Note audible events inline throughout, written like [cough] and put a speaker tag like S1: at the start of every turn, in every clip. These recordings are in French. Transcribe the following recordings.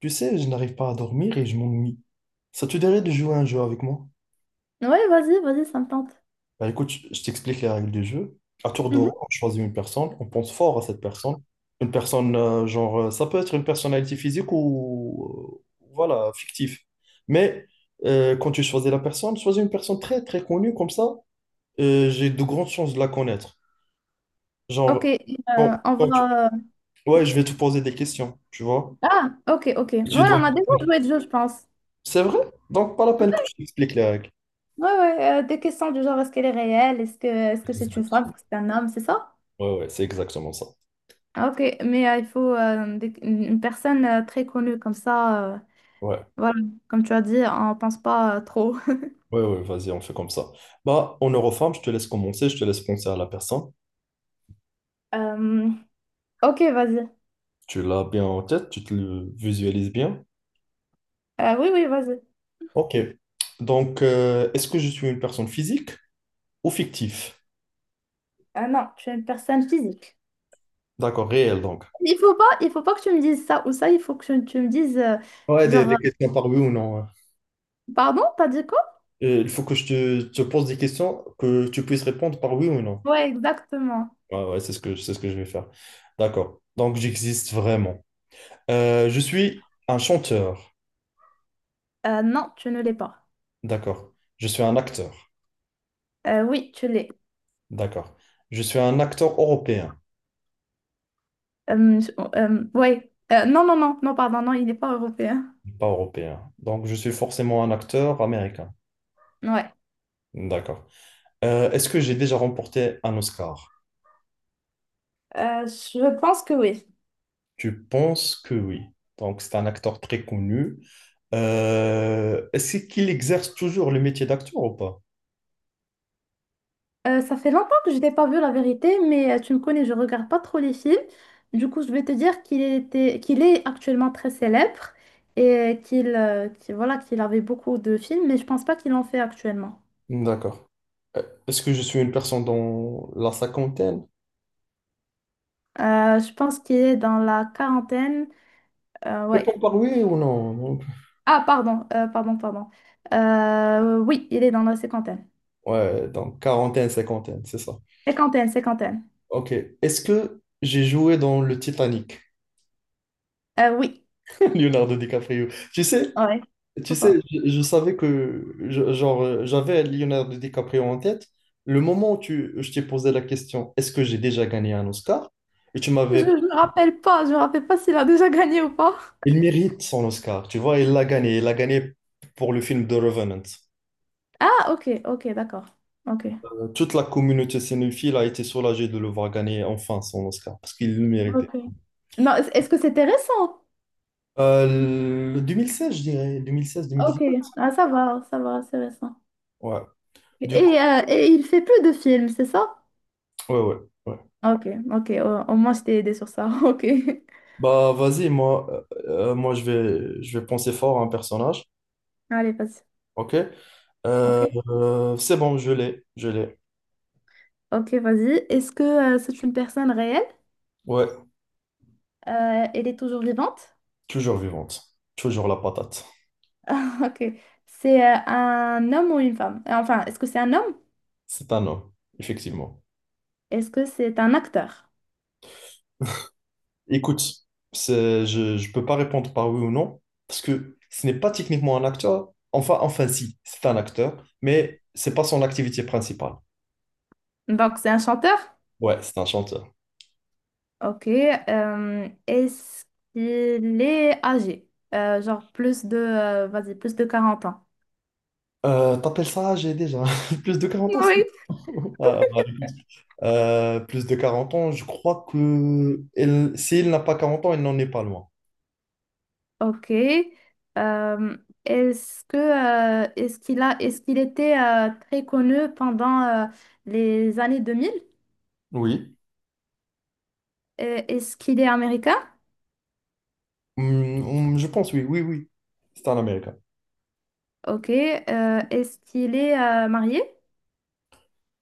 S1: Tu sais, je n'arrive pas à dormir et je m'ennuie. Ça te dirait de jouer à un jeu avec moi?
S2: Ouais, vas-y, vas-y, ça me tente.
S1: Bah écoute, je t'explique les règles du jeu. À tour de rôle,
S2: Mhm.
S1: on choisit une personne, on pense fort à cette personne. Une personne, genre, ça peut être une personnalité physique ou, voilà, fictive. Mais quand tu choisis la personne, choisis une personne très, très connue, comme ça, j'ai de grandes chances de la connaître.
S2: Ok,
S1: Genre, quand-
S2: on
S1: quand tu-
S2: va.
S1: ouais, je vais te poser des questions, tu vois.
S2: Ah, ok, ok. Ouais,
S1: Tu dois
S2: on a
S1: me
S2: déjà
S1: répondre.
S2: joué le jeu, je pense.
S1: C'est vrai? Donc, pas la peine que je t'explique les règles.
S2: Ouais, ouais, des questions du genre, est-ce qu'elle est réelle? Est-ce que c'est une
S1: Exact.
S2: femme? Est-ce que c'est un homme? C'est ça?
S1: Ouais, ouais, c'est exactement ça.
S2: Ah, ok, mais il faut une personne très connue, comme ça,
S1: Ouais,
S2: voilà, comme tu as dit, on pense pas trop. [laughs]
S1: ouais, ouais, vas-y, on fait comme ça. Bah, en Eurofarm, je te laisse commencer, je te laisse penser à la personne.
S2: Euh, ok, vas-y.
S1: Tu l'as bien en tête, tu te le visualises bien.
S2: Oui, oui, vas-y.
S1: Ok. Donc, est-ce que je suis une personne physique ou fictive?
S2: Ah non, tu es une personne physique.
S1: D'accord, réelle donc.
S2: Il faut pas que tu me dises ça ou ça, il faut que tu me dises,
S1: Ouais, des,
S2: genre,
S1: des questions par oui ou non. Ouais.
S2: pardon, t'as dit quoi?
S1: Il faut que je te pose des questions que tu puisses répondre par oui ou non.
S2: Ouais, exactement.
S1: Ouais, ouais, c'est ce que je vais faire. D'accord. Donc, j'existe vraiment. Je suis un chanteur.
S2: Non, tu ne l'es pas.
S1: D'accord. Je suis un acteur.
S2: Oui, tu l'es.
S1: D'accord. Je suis un acteur européen,
S2: Euh, ouais. Non, non, non, non, pardon, non, il n'est pas européen.
S1: pas européen. Donc, je suis forcément un acteur américain.
S2: Ouais.
S1: D'accord. Est-ce que j'ai déjà remporté un Oscar?
S2: Je pense que oui.
S1: Tu penses que oui. Donc, c'est un acteur très connu. Est-ce qu'il exerce toujours le métier d'acteur ou pas?
S2: Ça fait longtemps que je n'ai pas vu la vérité, mais tu me connais, je regarde pas trop les films. Du coup, je vais te dire qu'il était, qu'il est actuellement très célèbre et voilà, qu'il avait beaucoup de films, mais je pense pas qu'il en fait actuellement.
S1: D'accord. Est-ce que je suis une personne dans la cinquantaine?
S2: Je pense qu'il est dans la quarantaine. Ouais.
S1: Réponds par oui ou non. Non.
S2: Ah, pardon, pardon, pardon. Oui, il est dans la cinquantaine.
S1: Ouais, donc quarantaine, cinquantaine, c'est ça.
S2: Cinquantaine, cinquantaine.
S1: Ok. Est-ce que j'ai joué dans le Titanic?
S2: Oui,
S1: [laughs] Leonardo DiCaprio. Tu sais,
S2: ouais.
S1: Tu
S2: Faut
S1: sais,
S2: pas.
S1: je savais genre j'avais Leonardo DiCaprio en tête. Le moment où je t'ai posé la question, est-ce que j'ai déjà gagné un Oscar? Et tu
S2: Je
S1: m'avais,
S2: ne me rappelle pas, je me rappelle pas s'il a déjà gagné ou pas.
S1: il mérite son Oscar, tu vois, il l'a gagné pour le film The Revenant.
S2: Ah, ok, ok, d'accord. Ok.
S1: Toute la communauté cinéphile a été soulagée de le voir gagner enfin son Oscar parce qu'il le méritait.
S2: Ok. Non, est-ce que c'était récent?
S1: Le 2016, je dirais,
S2: Ok,
S1: 2016-2017.
S2: ah, ça va, c'est récent.
S1: Ouais. Du coup,
S2: Et, et il fait plus de films, c'est ça?
S1: ouais, ouais, ouais.
S2: Ok, ok, au moins je t'ai aidé sur ça. [laughs] Ok.
S1: Bah, vas-y, moi je vais penser fort à un personnage.
S2: Allez, vas-y.
S1: Ok.
S2: Ok.
S1: C'est bon, je l'ai, je l'ai.
S2: Ok, vas-y. Est-ce que c'est une personne réelle?
S1: Ouais,
S2: Elle est toujours vivante?
S1: toujours vivante, toujours la patate.
S2: [laughs] Ok. C'est un homme ou une femme? Enfin, est-ce que c'est un homme?
S1: C'est un homme, effectivement.
S2: Est-ce que c'est un acteur?
S1: Écoute, je ne peux pas répondre par oui ou non, parce que ce n'est pas techniquement un acteur. Enfin, si, c'est un acteur, mais c'est pas son activité principale.
S2: Donc, c'est un chanteur?
S1: Ouais, c'est un chanteur.
S2: Ok. Est-ce qu'il est âgé? Genre plus de, vas-y, plus de 40 ans.
S1: T'appelles ça âgé déjà? [laughs] Plus de 40 ans, c'est
S2: Oui.
S1: trop. Ah, bah, écoute, plus de 40 ans, je crois s'il n'a pas 40 ans, il n'en est pas loin.
S2: Ok. Euh, Est-ce que, est-ce qu'il était très connu pendant les années 2000?
S1: Oui.
S2: Est-ce qu'il est américain?
S1: Je pense, oui, oui, oui. C'était en Amérique, hein.
S2: Ok. Est-ce qu'il est marié?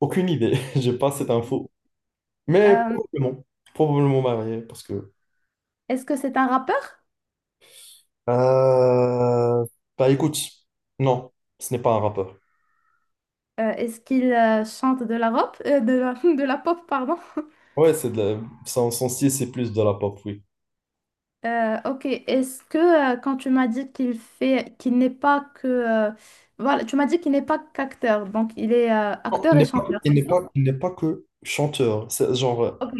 S1: Aucune idée. [laughs] J'ai pas cette info. Mais
S2: Euh,
S1: probablement. Probablement marié, parce que.
S2: Est-ce que c'est un rappeur?
S1: Euh, Bah écoute, non, ce n'est pas un rappeur.
S2: Est-ce qu'il chante de la rap, de la, [laughs] de la pop, pardon?
S1: Ouais, son, style, c'est plus de la pop, oui.
S2: Ok, est-ce que quand tu m'as dit qu'il fait, qu'il n'est pas que, voilà, tu m'as dit qu'il n'est pas qu'acteur, donc il est
S1: Non,
S2: acteur
S1: il
S2: et
S1: n'est pas,
S2: chanteur,
S1: il n'est
S2: c'est ça?
S1: pas, il n'est pas que chanteur. C'est genre.
S2: Ok.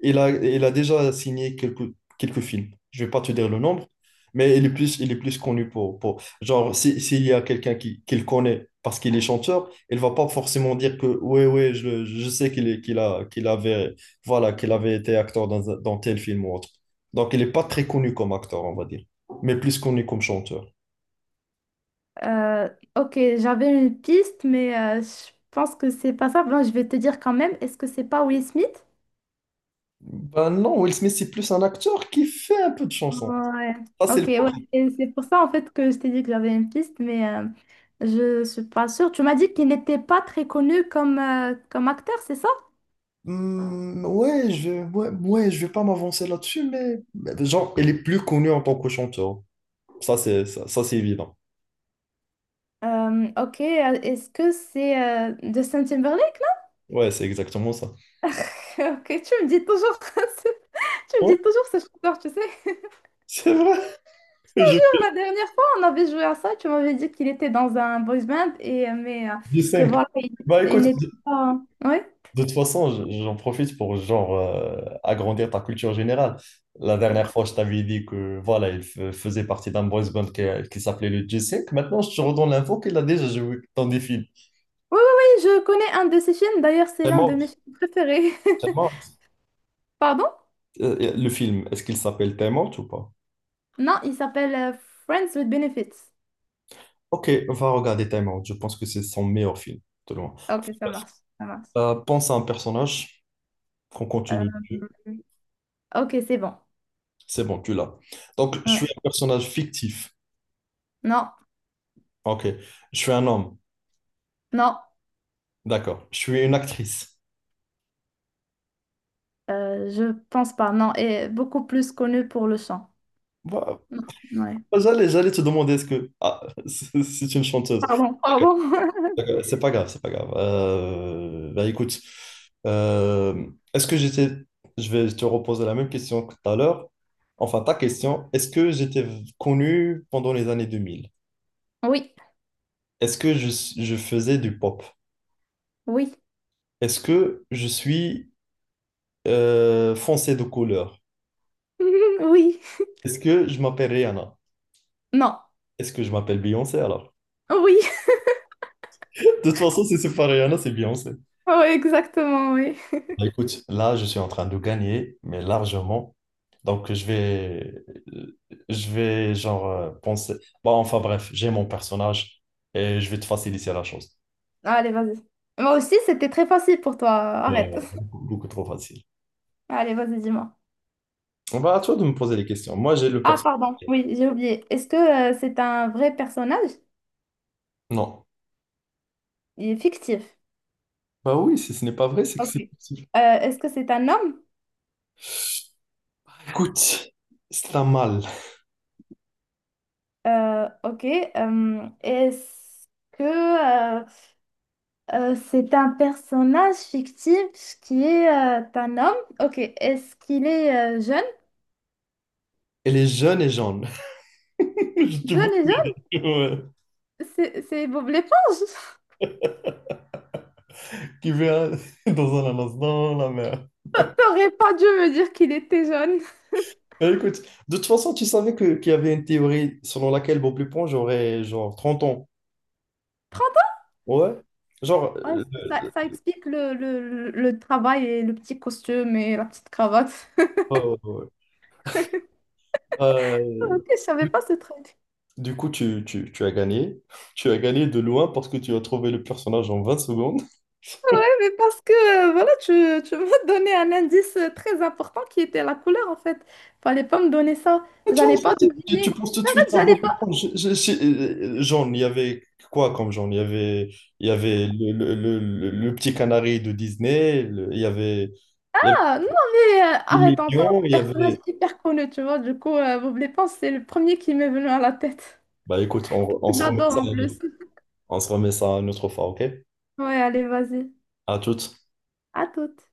S1: Il a, déjà signé quelques films. Je vais pas te dire le nombre, mais il est plus, connu pour. Genre, s'il y a quelqu'un qui le connaît parce qu'il est chanteur, il va pas forcément dire que, ouais, ouais, je sais qu'il avait, voilà, qu'il avait été acteur dans tel film ou autre. Donc, il est pas très connu comme acteur, on va dire, mais plus connu comme chanteur.
S2: Euh, ok, j'avais une piste, mais je pense que c'est pas ça. Bon, je vais te dire quand même, est-ce que c'est pas Will Smith?
S1: Ben non, Will Smith, c'est plus un acteur qui fait un peu de chansons.
S2: Ouais.
S1: Ça, c'est
S2: Ok,
S1: le.
S2: ouais. Et c'est pour ça en fait que je t'ai dit que j'avais une piste, mais je suis pas sûre. Tu m'as dit qu'il n'était pas très connu comme acteur, c'est ça?
S1: Hmm, ouais, ouais, ouais, je vais pas m'avancer là-dessus, mais genre, elle est plus connue en tant que chanteur. Ça, c'est ça. Ça, c'est évident.
S2: Ok, est-ce que c'est Justin Timberlake là?
S1: Ouais, c'est exactement ça.
S2: [laughs] Ok, tu me dis toujours, [laughs] tu me
S1: Ouais,
S2: dis toujours ce chanteur, tu sais. [laughs]
S1: c'est vrai, [laughs] je fais
S2: La dernière fois, on avait joué à ça, tu m'avais dit qu'il était dans un boys band, mais
S1: du
S2: que
S1: 5.
S2: voilà, il,
S1: Bah
S2: il
S1: écoute,
S2: n'était
S1: de,
S2: pas. Ouais.
S1: de toute façon, j'en profite pour genre agrandir ta culture générale. La dernière fois, je t'avais dit que voilà, faisait partie d'un boys band qui s'appelait le G5. Maintenant, je te redonne l'info qu'il a déjà joué dans des films.
S2: Oui, oui, oui, je connais un de ses films, d'ailleurs, c'est
S1: Time
S2: l'un de
S1: Out,
S2: mes films préférés.
S1: Time
S2: [laughs]
S1: Out.
S2: Pardon?
S1: Le film, est-ce qu'il s'appelle Time Out ou pas?
S2: Non, il s'appelle Friends with Benefits.
S1: Ok, va regarder Time Out. Je pense que c'est son meilleur film, de loin.
S2: Ok, ça marche, ça marche.
S1: Pense à un personnage qu'on
S2: Euh,
S1: continue dessus.
S2: ok, c'est bon.
S1: C'est bon, tu l'as. Donc, je
S2: Ouais.
S1: suis un personnage fictif.
S2: Non,
S1: Ok. Je suis un homme.
S2: non,
S1: D'accord. Je suis une actrice.
S2: je pense pas. Non, et beaucoup plus connu pour le chant.
S1: Bah,
S2: Non, ouais.
S1: j'allais te demander est-ce que. Ah, [laughs] c'est une chanteuse.
S2: Pardon,
S1: D'accord,
S2: pardon. [laughs]
S1: d'accord. C'est pas grave, c'est pas grave. Bah, écoute, euh, est-ce que j'étais. Je vais te reposer la même question que tout à l'heure. Enfin, ta question. Est-ce que j'étais connu pendant les années 2000.
S2: Oui,
S1: Est-ce que je faisais du pop?
S2: oui,
S1: Est-ce que je suis foncé de couleur?
S2: [laughs] oui.
S1: Est-ce que je m'appelle Rihanna?
S2: Non,
S1: Est-ce que je m'appelle Beyoncé alors?
S2: oui. [laughs]
S1: [laughs] De toute façon, si c'est pas Rihanna, c'est Beyoncé.
S2: Oui, exactement, oui.
S1: Bah, écoute, là, je suis en train de gagner, mais largement. Donc, euh, je vais genre penser. Bon, enfin bref, j'ai mon personnage et je vais te faciliter la chose.
S2: Allez, vas-y. Moi aussi, c'était très facile pour toi.
S1: Ouais,
S2: Arrête.
S1: ouais, beaucoup, beaucoup trop facile.
S2: Allez, vas-y, dis-moi.
S1: Bah, à toi de me poser les questions. Moi, j'ai le
S2: Ah,
S1: personnage.
S2: pardon, oui, j'ai oublié. Est-ce que c'est un vrai personnage?
S1: Non.
S2: Il est fictif.
S1: Bah oui, si ce n'est pas vrai, c'est que
S2: Ok.
S1: c'est possible.
S2: Est-ce que c'est un homme?
S1: Écoute, c'est un mâle.
S2: Ok. Est-ce que euh, c'est un personnage fictif qui est un homme? Ok. Est-ce qu'il est jeune?
S1: Elle est jeune et jaune. [laughs] Je te vous
S2: Jeune et jeune?
S1: ouais.
S2: C'est Bob l'éponge.
S1: Qui vient [laughs] dans un annonce dans la mer.
S2: [laughs] T'aurais pas dû me dire qu'il était jeune.
S1: Mais écoute, de toute façon, tu savais qu'il y avait une théorie selon laquelle Bob Lupon, j'aurais genre 30 ans.
S2: 30
S1: Ouais. Genre,
S2: ans? Ouais, ça explique le travail et le petit costume et la petite cravate. [laughs]
S1: euh, euh, euh,
S2: Ok, je savais
S1: du
S2: pas ce truc.
S1: du coup, tu as gagné. Tu as gagné de loin parce que tu as trouvé le personnage en 20 secondes.
S2: Mais parce que, voilà, tu m'as donné [laughs] un indice très important qui était la couleur, en fait. Fallait pas me donner ça.
S1: Et toi
S2: J'allais
S1: aussi,
S2: pas deviner.
S1: penses tout de
S2: En
S1: suite
S2: fait,
S1: à
S2: j'allais
S1: Bob
S2: pas.
S1: Éponge. Genre, il y avait quoi comme genre? Il y avait le petit canari de Disney, il y avait
S2: Ah, non, mais
S1: les
S2: arrête, on parle
S1: millions,
S2: de
S1: il y
S2: personnage
S1: avait.
S2: hyper connu, tu vois. Du coup, Bob l'éponge, c'est le premier qui m'est venu à la tête.
S1: Bah écoute, on, on
S2: [laughs]
S1: se remet
S2: J'adore
S1: ça,
S2: en plus.
S1: on se remet ça une autre fois, ok?
S2: Ouais, allez, vas-y.
S1: À toutes.
S2: À toute.